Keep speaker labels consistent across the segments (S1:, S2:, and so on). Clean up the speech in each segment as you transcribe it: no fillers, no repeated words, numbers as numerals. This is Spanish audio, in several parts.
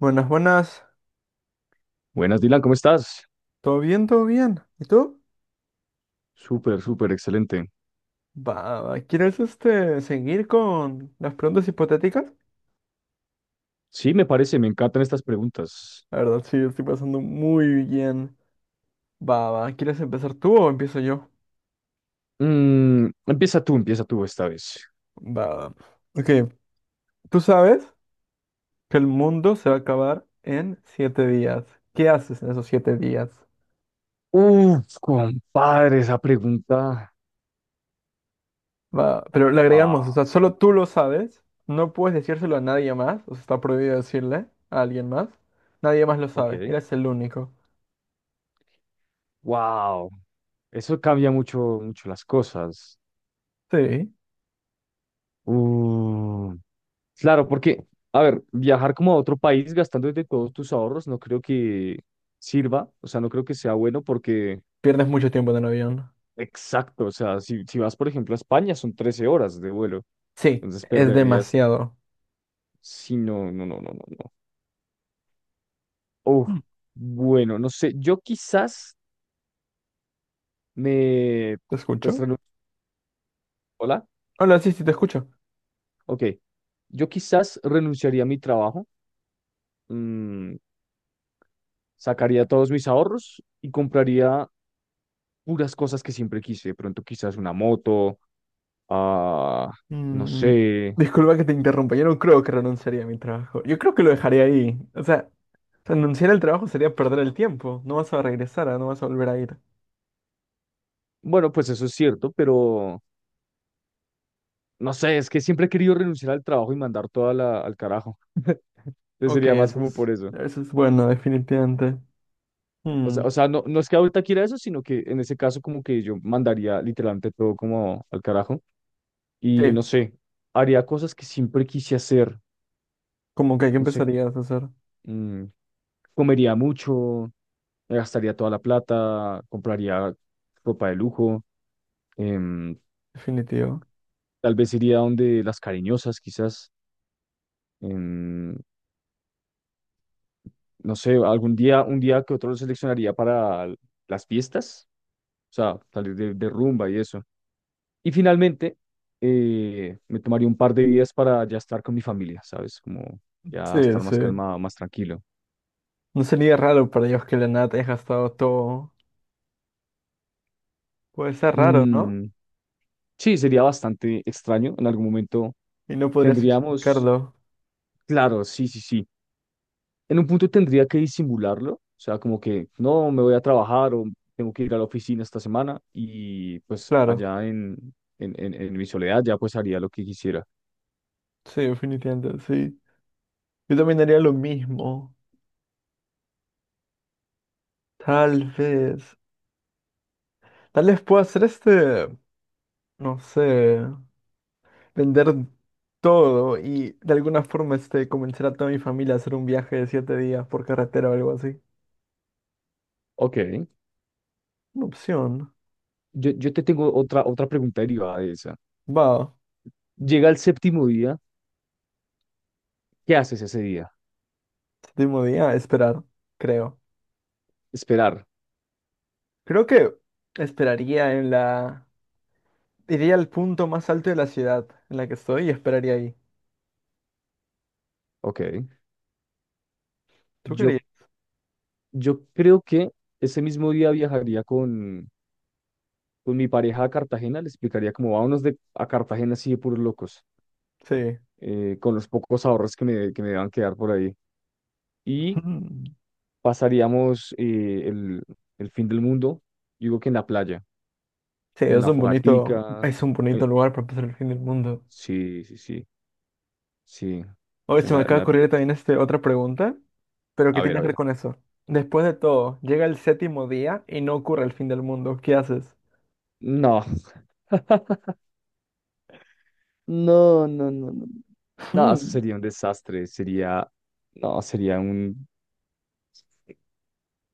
S1: Buenas, buenas.
S2: Buenas, Dylan, ¿cómo estás?
S1: ¿Todo bien? ¿Todo bien? ¿Y tú?
S2: Súper, súper, excelente.
S1: Va, va, ¿quieres seguir con las preguntas hipotéticas?
S2: Sí, me parece, me encantan estas preguntas.
S1: La verdad, sí, estoy pasando muy bien. Va, va, ¿quieres empezar tú o empiezo yo?
S2: Empieza tú esta vez.
S1: Va, va. Ok, tú sabes que el mundo se va a acabar en 7 días. ¿Qué haces en esos 7 días?
S2: Uf, compadre, esa pregunta.
S1: Va, pero le agregamos, o
S2: Wow.
S1: sea, solo tú lo sabes. No puedes decírselo a nadie más. O sea, está prohibido decirle a alguien más. Nadie más lo
S2: Ok,
S1: sabe. Eres el único.
S2: wow. Eso cambia mucho, mucho las cosas.
S1: Sí.
S2: Uh, claro, porque, a ver, viajar como a otro país gastando de todos tus ahorros no creo que sirva, o sea, no creo que sea bueno porque,
S1: Pierdes mucho tiempo en el avión.
S2: exacto, o sea, si vas, por ejemplo, a España son 13 horas de vuelo,
S1: Sí,
S2: entonces
S1: es
S2: perderías.
S1: demasiado.
S2: Sí, no, no, no, no, no, no. Uf,
S1: Mm.
S2: bueno, no sé, yo quizás me,
S1: ¿Te
S2: pues,
S1: escucho?
S2: hola.
S1: Hola, sí, sí, te escucho.
S2: Ok, yo quizás renunciaría a mi trabajo, mm, sacaría todos mis ahorros y compraría puras cosas que siempre quise, de pronto quizás una moto, ah, no
S1: Mm,
S2: sé.
S1: Disculpa que te interrumpa. Yo no creo que renunciaría a mi trabajo. Yo creo que lo dejaría ahí. O sea, renunciar al trabajo sería perder el tiempo. No vas a regresar, ah, no vas a volver a ir.
S2: Bueno, pues eso es cierto, pero no sé, es que siempre he querido renunciar al trabajo y mandar toda la, al carajo, entonces
S1: Ok,
S2: sería más
S1: eso
S2: como por
S1: es,
S2: eso.
S1: eso es bueno, definitivamente. Mm,
S2: O sea, no, no es que ahorita quiera eso, sino que en ese caso como que yo mandaría literalmente todo como al carajo y no
S1: sí,
S2: sé, haría cosas que siempre quise hacer,
S1: como que aquí
S2: no sé,
S1: empezarías a hacer.
S2: mm, comería mucho, me gastaría toda la plata, compraría ropa de lujo, em,
S1: Definitivo.
S2: tal vez iría donde las cariñosas quizás, em, no sé, algún día, un día que otro lo seleccionaría para las fiestas, o sea, salir de rumba y eso. Y finalmente, me tomaría un par de días para ya estar con mi familia, ¿sabes? Como ya
S1: Sí,
S2: estar
S1: sí.
S2: más calmado, más tranquilo.
S1: No sería raro para ellos que de la nada te hayas gastado todo. Puede ser raro, ¿no?
S2: Mm, sí, sería bastante extraño. En algún momento
S1: Y no podrías
S2: tendríamos,
S1: justificarlo.
S2: claro, sí, sí, sí. En un punto tendría que disimularlo, o sea, como que no me voy a trabajar o tengo que ir a la oficina esta semana y pues
S1: Claro.
S2: allá en mi soledad ya pues haría lo que quisiera.
S1: Sí, definitivamente, sí. Yo también haría lo mismo. Tal vez. Tal vez pueda hacer no sé, vender todo y de alguna forma convencer a toda mi familia a hacer un viaje de 7 días por carretera o algo así.
S2: Ok,
S1: Una opción.
S2: yo te tengo otra, otra pregunta derivada de esa.
S1: Va,
S2: Llega el séptimo día, ¿qué haces ese día?
S1: séptimo día, esperar, creo.
S2: Esperar.
S1: Creo que esperaría en la... Iría al punto más alto de la ciudad en la que estoy y esperaría ahí.
S2: Ok.
S1: ¿Tú querías?
S2: Yo, yo creo que ese mismo día viajaría con mi pareja a Cartagena, le explicaría cómo vámonos a Cartagena así de puros locos,
S1: Sí.
S2: con los pocos ahorros que me van a quedar por ahí. Y pasaríamos el fin del mundo, digo que en la playa,
S1: Sí,
S2: con
S1: es
S2: una
S1: un bonito,
S2: fogatica.
S1: es un bonito
S2: Eh,
S1: lugar para pasar el fin del mundo.
S2: sí, sí, sí, sí.
S1: Oye,
S2: en
S1: se me
S2: la, en
S1: acaba de
S2: la-
S1: ocurrir también otra pregunta, pero
S2: a
S1: ¿qué
S2: ver,
S1: tiene
S2: a
S1: que ver
S2: ver.
S1: con eso? Después de todo, llega el séptimo día y no ocurre el fin del mundo. ¿Qué haces?
S2: No, no, no, no, no. No, eso
S1: Hmm,
S2: sería un desastre, sería, no, sería un,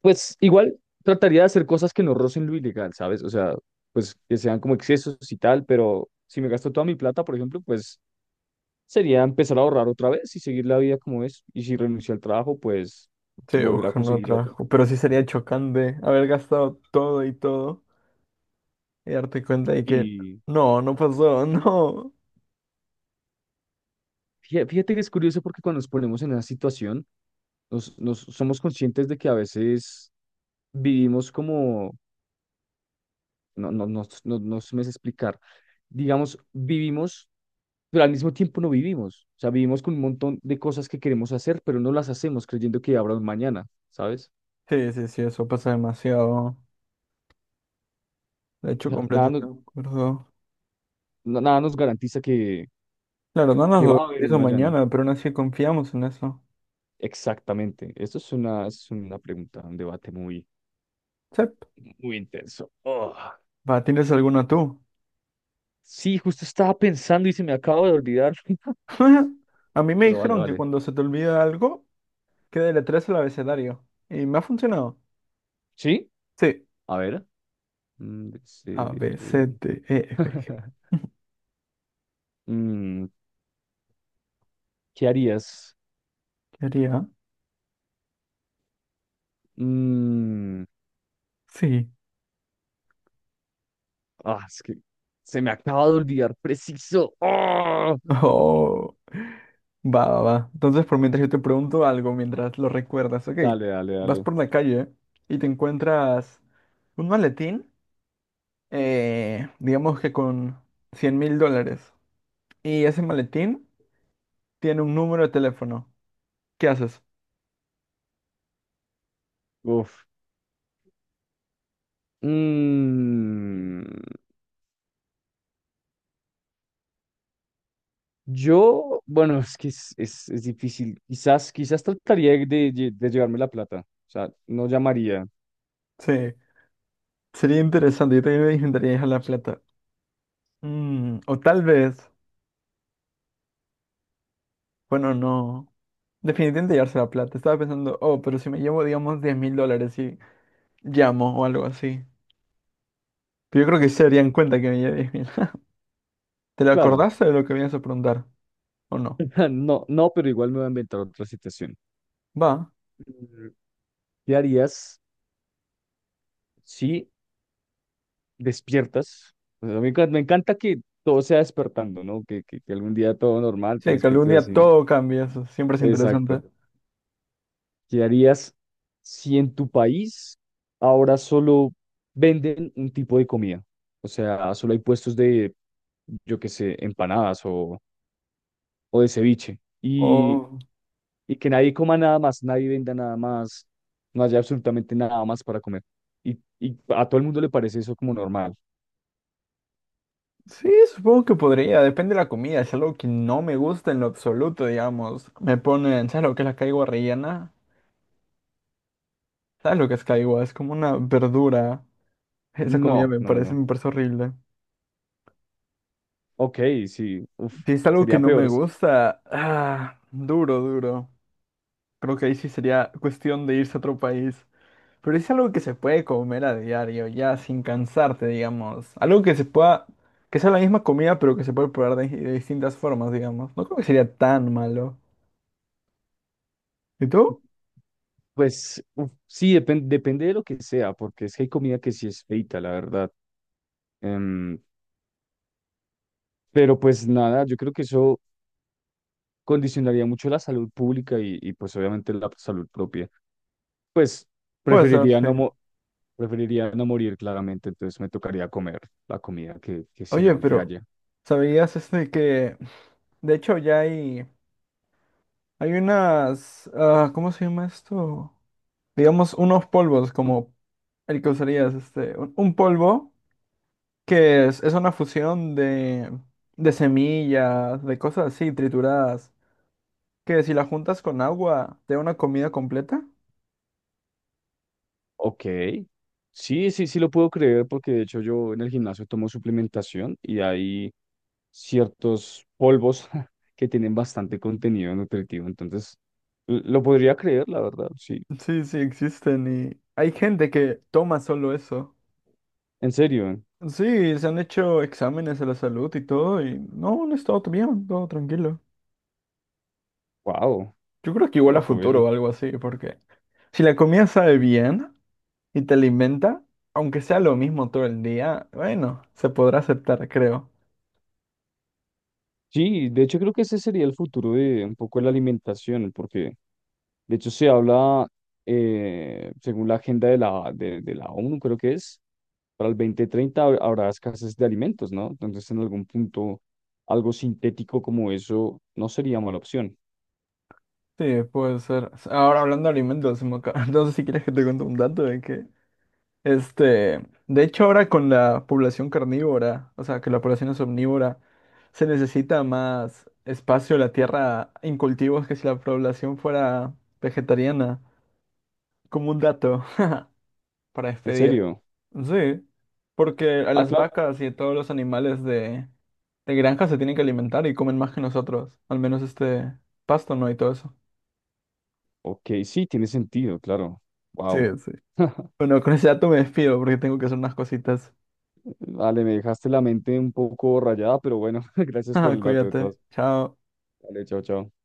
S2: pues igual trataría de hacer cosas que no rocen lo ilegal, ¿sabes? O sea, pues que sean como excesos y tal, pero si me gasto toda mi plata, por ejemplo, pues sería empezar a ahorrar otra vez y seguir la vida como es. Y si renuncio al trabajo, pues
S1: sí,
S2: volver a
S1: buscan
S2: conseguir
S1: otra.
S2: otro.
S1: Pero sí sería chocante haber gastado todo y todo y darte cuenta de que
S2: Y
S1: no, no pasó, no.
S2: fíjate, fíjate que es curioso porque cuando nos ponemos en esa situación, nos somos conscientes de que a veces vivimos como, no, no, no, no, no se me sé explicar. Digamos, vivimos pero al mismo tiempo no vivimos. O sea, vivimos con un montón de cosas que queremos hacer, pero no las hacemos creyendo que habrá un mañana, ¿sabes?
S1: Sí, sí, sí, eso pasa demasiado. De
S2: O
S1: hecho,
S2: sea, nada
S1: completamente
S2: nos,
S1: de acuerdo.
S2: nada nos garantiza
S1: Claro, no nos
S2: que va
S1: lo
S2: a haber un
S1: hizo
S2: mañana.
S1: mañana, pero aún así confiamos en eso.
S2: Exactamente. Esto es una pregunta, un debate muy,
S1: Sí.
S2: muy intenso. Oh.
S1: Va, ¿tienes alguna tú?
S2: Sí, justo estaba pensando y se me acaba de olvidar.
S1: A mí me
S2: Pero vale,
S1: dijeron que
S2: vale.
S1: cuando se te olvida algo, que deletrees el abecedario. Y me ha funcionado.
S2: ¿Sí?
S1: Sí.
S2: A ver. D, C,
S1: A,
S2: D,
S1: B, C,
S2: E.
S1: D, E, F, G.
S2: Mm, ¿qué harías?
S1: ¿Qué haría?
S2: Mm.
S1: Sí.
S2: Ah, es que se me acaba de olvidar preciso. ¡Ah!
S1: Oh, va, va, va. Entonces, por mientras yo te pregunto algo, mientras lo recuerdas, ok.
S2: Dale, dale,
S1: Vas
S2: dale.
S1: por la calle y te encuentras un maletín, digamos que con $100,000. Y ese maletín tiene un número de teléfono. ¿Qué haces?
S2: Uf. Mm, yo, bueno, es que es difícil. Quizás, quizás trataría de, de llevarme la plata. O sea, no llamaría.
S1: Sí, sería interesante. Yo también me intentaría dejar la plata. O tal vez, bueno, no. Definitivamente llevarse la plata. Estaba pensando, oh, pero si me llevo, digamos, $10,000 y llamo o algo así. Pero yo creo que sí se darían cuenta que me llevé 10,000. ¿Te lo
S2: Claro.
S1: acordaste de lo que venías a preguntar? ¿O no?
S2: No, no, pero igual me voy a inventar otra situación.
S1: Va.
S2: Mm, ¿Qué harías si despiertas? O sea, me encanta que todo sea despertando, ¿no? Que algún día todo normal te
S1: Sí, que algún
S2: despiertes
S1: día
S2: así.
S1: todo cambia, eso siempre es interesante.
S2: Exacto. ¿Qué harías si en tu país ahora solo venden un tipo de comida? O sea, solo hay puestos de, yo qué sé, empanadas o de ceviche.
S1: O
S2: Y que nadie coma nada más, nadie venda nada más, no haya absolutamente nada más para comer. Y a todo el mundo le parece eso como normal.
S1: sí, supongo que podría, depende de la comida. Si es algo que no me gusta en lo absoluto, digamos, me ponen, ¿sabes lo que es la caigua rellena? ¿Sabes lo que es caigua? Es como una verdura. Esa comida
S2: No,
S1: me
S2: no, no,
S1: parece,
S2: no.
S1: me parece horrible.
S2: Ok, sí, uf,
S1: Si es algo que
S2: sería
S1: no me
S2: peor.
S1: gusta, duro, duro. Creo que ahí sí sería cuestión de irse a otro país. Pero es algo que se puede comer a diario, ya sin cansarte, digamos. Algo que se pueda, que sea la misma comida, pero que se puede probar de distintas formas, digamos. No creo que sería tan malo. ¿Y tú?
S2: Pues uf, sí, depende de lo que sea, porque es que hay comida que sí es feita, la verdad. Em, pero pues nada, yo creo que eso condicionaría mucho la salud pública pues obviamente la salud propia. Pues
S1: Puede ser,
S2: preferiría no,
S1: sí.
S2: preferiría no morir claramente, entonces me tocaría comer la comida que
S1: Oye,
S2: sirvan que
S1: pero
S2: haya.
S1: ¿sabías que, de hecho, ya hay unas, ¿cómo se llama esto? Digamos, unos polvos como el que usarías, un polvo que es una fusión de semillas, de cosas así, trituradas, que si las juntas con agua, te da una comida completa.
S2: Ok, sí, sí, sí lo puedo creer porque de hecho yo en el gimnasio tomo suplementación y hay ciertos polvos que tienen bastante contenido nutritivo, entonces lo podría creer, la verdad, sí.
S1: Sí, sí, existen y hay gente que toma solo eso.
S2: En serio,
S1: Sí, se han hecho exámenes de la salud y todo y no, no está todo bien, todo tranquilo.
S2: wow,
S1: Yo creo que
S2: qué
S1: igual a
S2: loco
S1: futuro
S2: eso.
S1: o algo así, porque si la comida sabe bien y te alimenta, aunque sea lo mismo todo el día, bueno, se podrá aceptar, creo.
S2: Sí, de hecho creo que ese sería el futuro de un poco la alimentación, porque de hecho se habla, según la agenda de la ONU, creo que es, para el 2030 habrá escasez de alimentos, ¿no? Entonces en algún punto algo sintético como eso no sería mala opción.
S1: Sí, puede ser. Ahora hablando de alimentos, no sé si quieres que te cuente un dato de que, de hecho ahora con la población carnívora, o sea, que la población es omnívora, se necesita más espacio en la tierra en cultivos que si la población fuera vegetariana, como un dato para
S2: ¿En
S1: despedir.
S2: serio?
S1: Sí, porque a
S2: Ah,
S1: las
S2: claro.
S1: vacas y a todos los animales de granja se tienen que alimentar y comen más que nosotros, al menos este pasto, ¿no? Y todo eso.
S2: Ok, sí, tiene sentido, claro.
S1: Sí,
S2: Wow.
S1: sí. Bueno, con ese dato me despido porque tengo que hacer unas cositas.
S2: Vale, me dejaste la mente un poco rayada, pero bueno, gracias por el dato de
S1: Cuídate.
S2: todas.
S1: Chao.
S2: Vale, chao, chao.